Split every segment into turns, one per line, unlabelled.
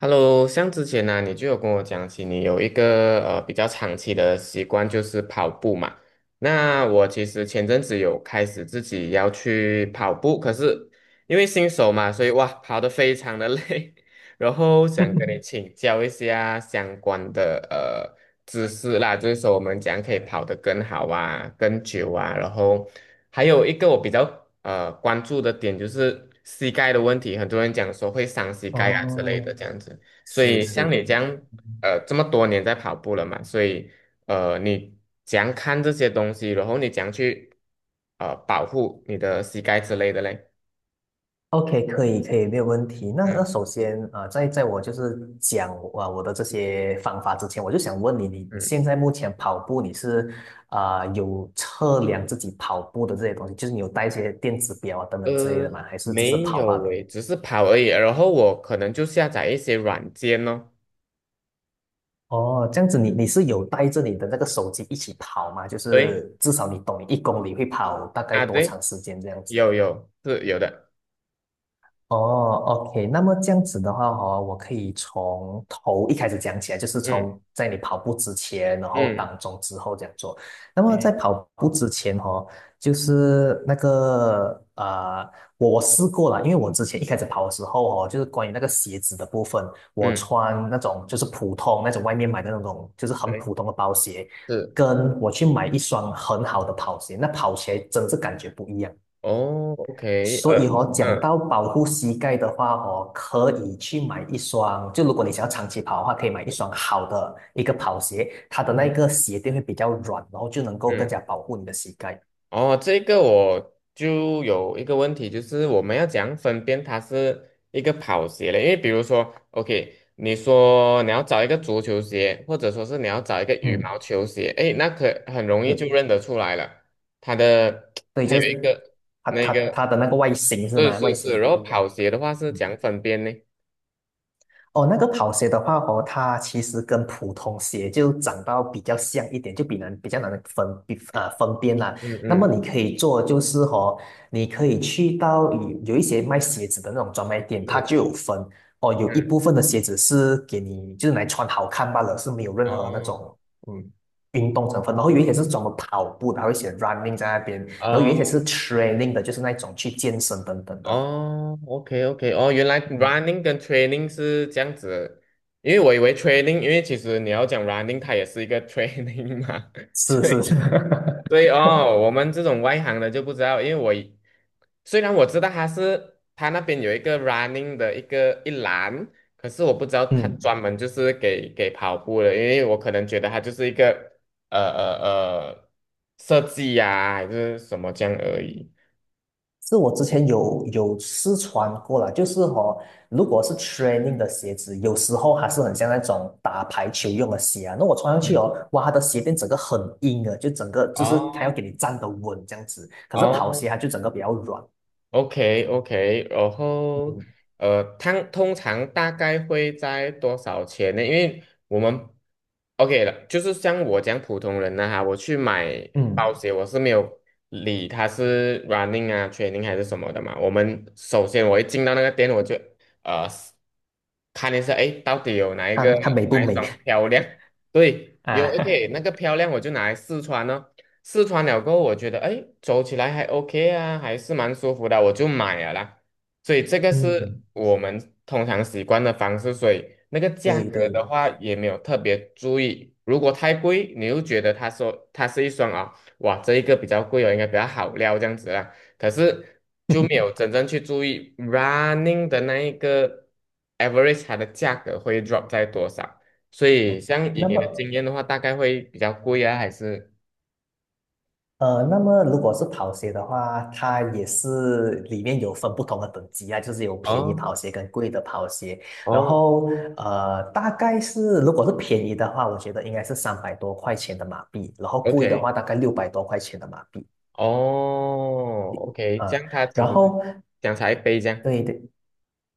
Hello，像之前呢、你就有跟我讲起你有一个比较长期的习惯就是跑步嘛。那我其实前阵子有开始自己要去跑步，可是因为新手嘛，所以哇，跑得非常的累，然后想跟你 请教一下相关的知识啦，就是说我们怎样可以跑得更好啊、更久啊。然后还有一个我比较关注的点就是膝盖的问题，很多人讲说会伤膝盖啊之类
哦，
的这样子。所
是
以
是
像你这样这么多年在跑步了嘛，所以你怎样看这些东西，然后你怎样去保护你的膝盖之类的嘞？
，OK，可以可以，没有问题。那
嗯
首先啊、在我就是讲啊、我的这些方法之前，我就想问你，你现
嗯。
在目前跑步你是啊、有测量自己跑步的这些东西，就是你有带一些电子表啊等等之类的吗？还是只是
没
跑罢
有
了？
诶，只是跑而已。然后我可能就下载一些软件哦。
哦，这样子你是有带着你的那个手机一起跑吗？就
对
是至少你懂你一公里会跑大概
啊，
多长
对，
时间这样子。
有是有的。
哦，OK，那么这样子的话哦，我可以从头一开始讲起来，就是
嗯
从在你跑步之前，然后
嗯
当中之后这样做。那么在
嗯
跑步之前哦，就是那个我试过了，因为我之前一开始跑的时候哦，就是关于那个鞋子的部分，我
嗯，
穿那种就是普通那种外面买的那种，就是很
对，
普通的包鞋，
是
跟我去买一双很好的跑鞋，那跑起来真是感觉不一样。
哦，OK,
所以哦，讲
嗯
到保护膝盖的话哦，可以去买一双，就如果你想要长期跑的话，可以买一双好的一个跑鞋，它的那
嗯
个鞋垫会比较软，然后就能够更加
嗯。
保护你的膝盖。
哦，这个我就有一个问题，就是我们要怎样分辨它是一个跑鞋嘞？因为比如说，OK，你说你要找一个足球鞋，或者说是你要找一个羽
嗯，
毛球鞋，诶，那可很容易就
是。
认得出来了。它的
所以
它
就
有一
是
个
它
那
它
个，
它的那个外形是
是
吗？外
是是，
形
然
不
后
一样。
跑鞋的话是
嗯。
讲分辨呢？
哦，那个跑鞋的话哦，它其实跟普通鞋就长到比较像一点，就比较难分比
嗯
啊、分辨啦。
嗯
那么
嗯，
你可以做就是哦，你可以去到有一些卖鞋子的那种专卖店，它
是
就有分哦，有一
嗯，
部分的鞋子是给你就是来穿好看罢了，是没有任何那
哦
种嗯运动成分。然后有一些是专门跑步的，还会写 running 在那边，然后有一些
哦
是 training 的，就是那种去健身等等的。
哦，OK OK，哦，原来 running 跟 training 是这样子，因为我以为 training，因为其实你要讲 running，它也是一个 training 嘛，
是
所以
是是，
所以哦，我 们这种外行的就不知道，因为我以虽然我知道它是它那边有一个 running 的一栏，可是我不知道它
嗯。
专门就是给跑步的，因为我可能觉得它就是一个呃呃呃设计呀、还是什么这样而已。
是我之前有试穿过了，就是哦，如果是 training 的鞋子，有时候还是很像那种打排球用的鞋啊。那我穿上去哦，
嗯，
哇，它的鞋垫整个很硬的，就整个就是它要给
哦
你站得稳这样子。可是跑
哦
鞋它就整个比较软。
OK OK，然后
嗯
它通常大概会在多少钱呢？因为我们 OK 了，就是像我讲普通人呢哈，我去买保
嗯，
险，我是没有理它是 running 啊、training 还是什么的嘛。我们首先我一进到那个店，我就呃看一下，哎，到底有哪一
看
个
看美不
哪一
美
双漂亮？对，
啊？
有 OK 那 个漂亮，我就拿来试穿。试穿了过后，我觉得哎，诶走起来还 OK 啊，还是蛮舒服的，我就买了啦。所以这个是
嗯，
我们通常习惯的方式，所以那个价
对
格的
对，
话也没有特别注意。如果太贵，你又觉得他说它是一双啊、哇，这一个比较贵哦，应该比较好料这样子啦。可是就没有真正去注意 running 的那一个 average 它的价格会 drop 在多少。所以
哦
像以
那
你的
么
经验的话，大概会比较贵啊，还是？
那么如果是跑鞋的话，它也是里面有分不同的等级啊，就是有便宜
哦？
跑鞋跟贵的跑鞋。然
哦
后大概是如果是便宜的话，我觉得应该是300多块钱的马币，然后贵的
，OK，
话大概600多块钱的马币
哦，OK，这
啊。
样他其
然
实
后
讲才杯这样，
对对，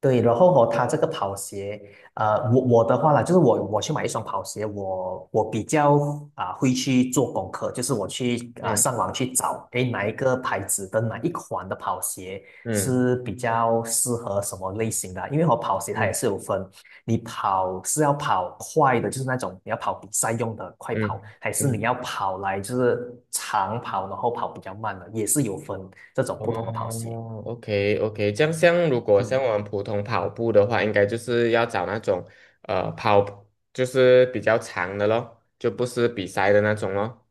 对，然后哦，它这个跑鞋，我的话啦，就是我去买一双跑鞋，我比较啊、会去做功课，就是我去啊、
嗯
上网去找，诶，哪一个牌子的哪一款的跑鞋
嗯
是比较适合什么类型的啊？因为我跑鞋它也
嗯
是有分，你跑是要跑快的，就是那种你要跑比赛用的快跑，
嗯
还是你
嗯，
要跑来就是长跑，然后跑比较慢的，也是有分这种不同的跑鞋。
哦，OK OK，这样像如果像
嗯。
我们普通跑步的话，应该就是要找那种跑就是比较长的咯，就不是比赛的那种咯，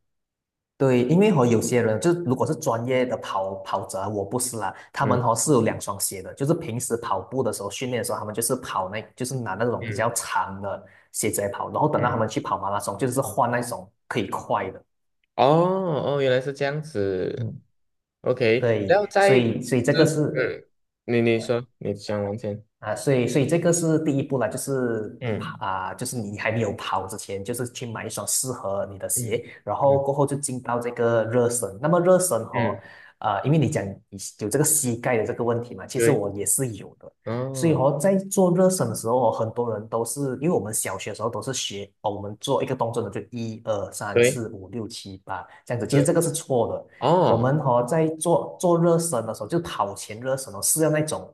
对，因为和有些人就如果是专业的跑者啊我不是啦，他们
嗯
和是有两双鞋的，就是平时跑步的时候训练的时候，他们就是跑那，就是拿那种比较
嗯
长的鞋子来跑，然后等到他
嗯，
们去跑马拉松，就是换那种可以快的。
哦哦，原来是这样子
嗯，
，OK，然后
对，所
再
以所以这个
就是
是
嗯，你说你讲完先，
啊，所以这个是第一步啦，就是
嗯
啊，就是你还没有跑之前，就是去买一双适合你的
嗯
鞋，然后
嗯
过后就进到这个热身。那么热身哦，
嗯。
啊，因为你讲你有这个膝盖的这个问题嘛，其实
对，
我也是有的。所以
哦，
哦，在做热身的时候哦很多人都是因为我们小学的时候都是学哦，我们做一个动作呢，就一二三
对，
四五六七八这样子，其实这
是，
个是错的。我
哦，
们哦，在做热身的时候，就跑前热身哦，是要那种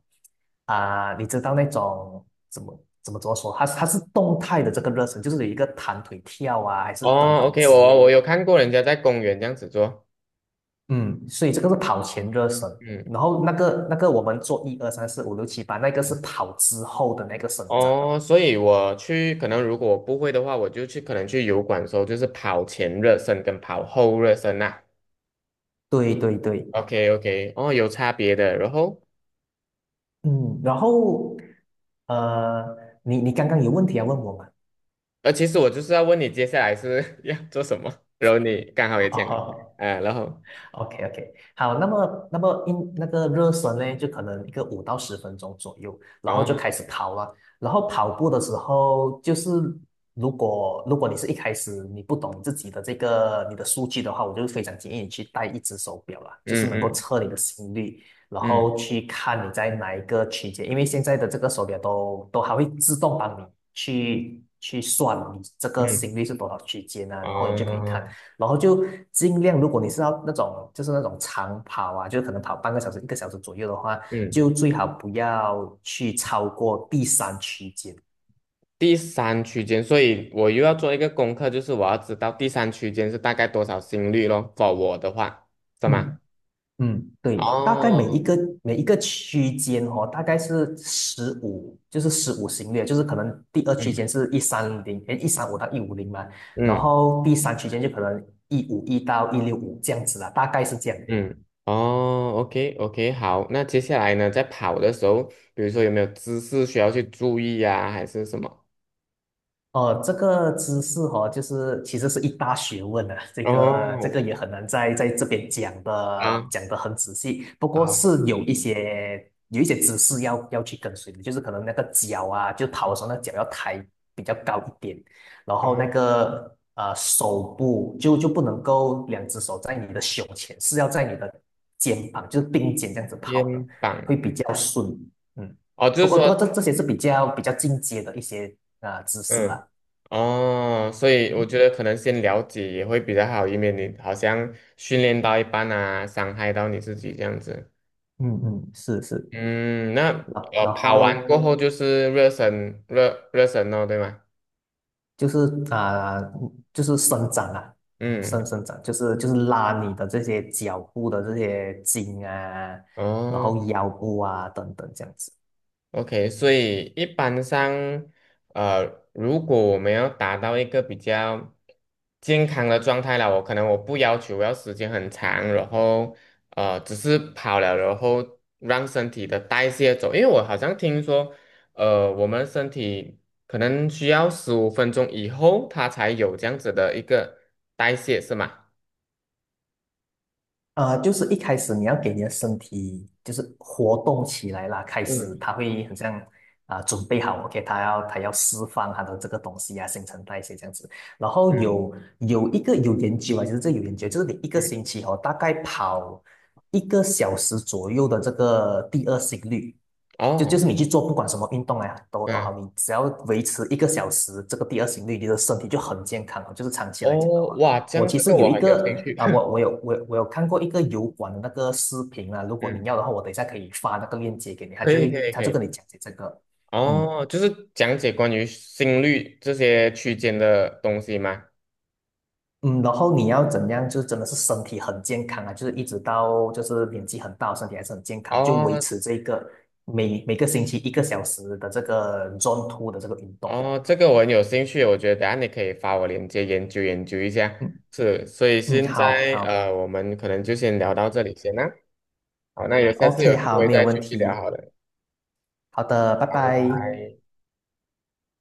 啊、你知道那种怎么说？它是动态的这个热身，就是有一个弹腿跳啊，还是等
哦
等
，OK，
之
我
类
我
的。
有看过人家在公园这样子做，
嗯所以这个是跑前热身，
嗯，
然后那个我们做一二三四五六七八，那个是跑之后的那个伸展。
哦，所以我去，可能如果我不会的话，我就去，可能去油管的时候，就是跑前热身跟跑后热身呐、啊
对对对，
OK OK，哦，有差别的。然后，
嗯，然后呃，你刚刚有问题要问我吗？
其实我就是要问你接下来是 要做什么，然后你刚好也
啊，
讲，然后，
OK OK，好，那么那个热身呢，就可能一个5到10分钟左右，然后就
哦，
开始跑了。然后跑步的时候，就是如果你是一开始你不懂自己的这个你的数据的话，我就非常建议你去戴一只手表啦，就是
嗯
能够
嗯
测你的心率，然
嗯
后去看你在哪一个区间，因为现在的这个手表都还会自动帮你去算你这个
嗯，
心率是多少区间啊，然后你就可以看。
哦，
然后就尽量，如果你是要那种就是那种长跑啊，就是可能跑半个小时、一个小时左右的话，就
嗯。
最好不要去超过第三区间。
第三区间，所以我又要做一个功课，就是我要知道第三区间是大概多少心率咯。for 我的话，是吗？
嗯嗯对，大概每
哦，
一个每一个区间哦，大概是十五，就是十五行列，就是可能第二区
嗯
间是130，诶，135到150嘛，然
嗯
后第三区间就可能151到165这样子啦，大概是这样。
嗯，哦，OK OK，好，那接下来呢，在跑的时候，比如说有没有姿势需要去注意呀、还是什么？
哦，这个姿势哦，就是其实是一大学问啊，这个这
哦，
个也很难在这边讲的
啊，
讲得很仔细，不过
好，
是有一些姿势要去跟随的，就是可能那个脚啊，就跑的
嗯，
时候那脚要抬比较高一点，然
哦，
后那个手部就不能够两只手在你的胸前，是要在你的肩膀，就是并肩这样子跑
肩
的，
膀，
会比较顺。嗯，
哦，就
不
是
过不过
说，
这些是比较进阶的一些啊、姿势识
嗯。
啦。
哦，所以我觉得可能先了解也会比较好，以免你好像训练到一半啊，伤害到你自己这样子。
嗯嗯，是是
嗯，那
啊，然然
跑完过
后
后就是热身，热身哦，对吗？
就是啊、就是伸展啊，伸
嗯，
伸展，就是拉你的这些脚部的这些筋啊，然
哦。
后腰部啊等等这样子。
OK，所以一般上，如果我们要达到一个比较健康的状态了，我可能我不要求要时间很长，然后只是跑了，然后让身体的代谢走，因为我好像听说，我们身体可能需要15分钟以后，它才有这样子的一个代谢，是吗？
就是一开始你要给你的身体就是活动起来啦，开始
嗯
它会很像啊、准备好，OK，它要释放它的这个东西啊，新陈代谢这样子。然后
嗯
有一个有研究啊，其实这有研究，就是你一个
嗯，
星期哦，大概跑一个小时左右的这个第二心率，就就
哦，
是你去做不管什么运动啊，都
嗯，
好，你只要维持一个小时这个第二心率，你的身体就很健康了，就是长期来讲的
哦，
话。
哇，这
我
样
其
这
实
个
有
我
一
很有兴
个
趣。
啊、我 我有我有我有看过一个油管的那个视频啊，如果你
嗯，
要的话，我等一下可以发那个链接给你，他
可
就
以
会
可以
他
可
就跟
以。
你讲解这个，嗯
哦，就是讲解关于心率这些区间的东西吗？
嗯，然后你要怎样，就是真的是身体很健康啊，就是一直到就是年纪很大，身体还是很健康，就维
哦
持这个每个星期一个小时的这个 Zone Two 的这个运动，
哦，这个我很有兴趣，我觉得等下你可以发我链接研究研究一下。
嗯
是，所以
嗯，
现
好
在
好
我们可能就先聊到这里先啦。好，那有下次有
，OK，
机
好，
会
没有
再
问
继续聊
题，
好了。
好的，拜
好，拜
拜。
拜。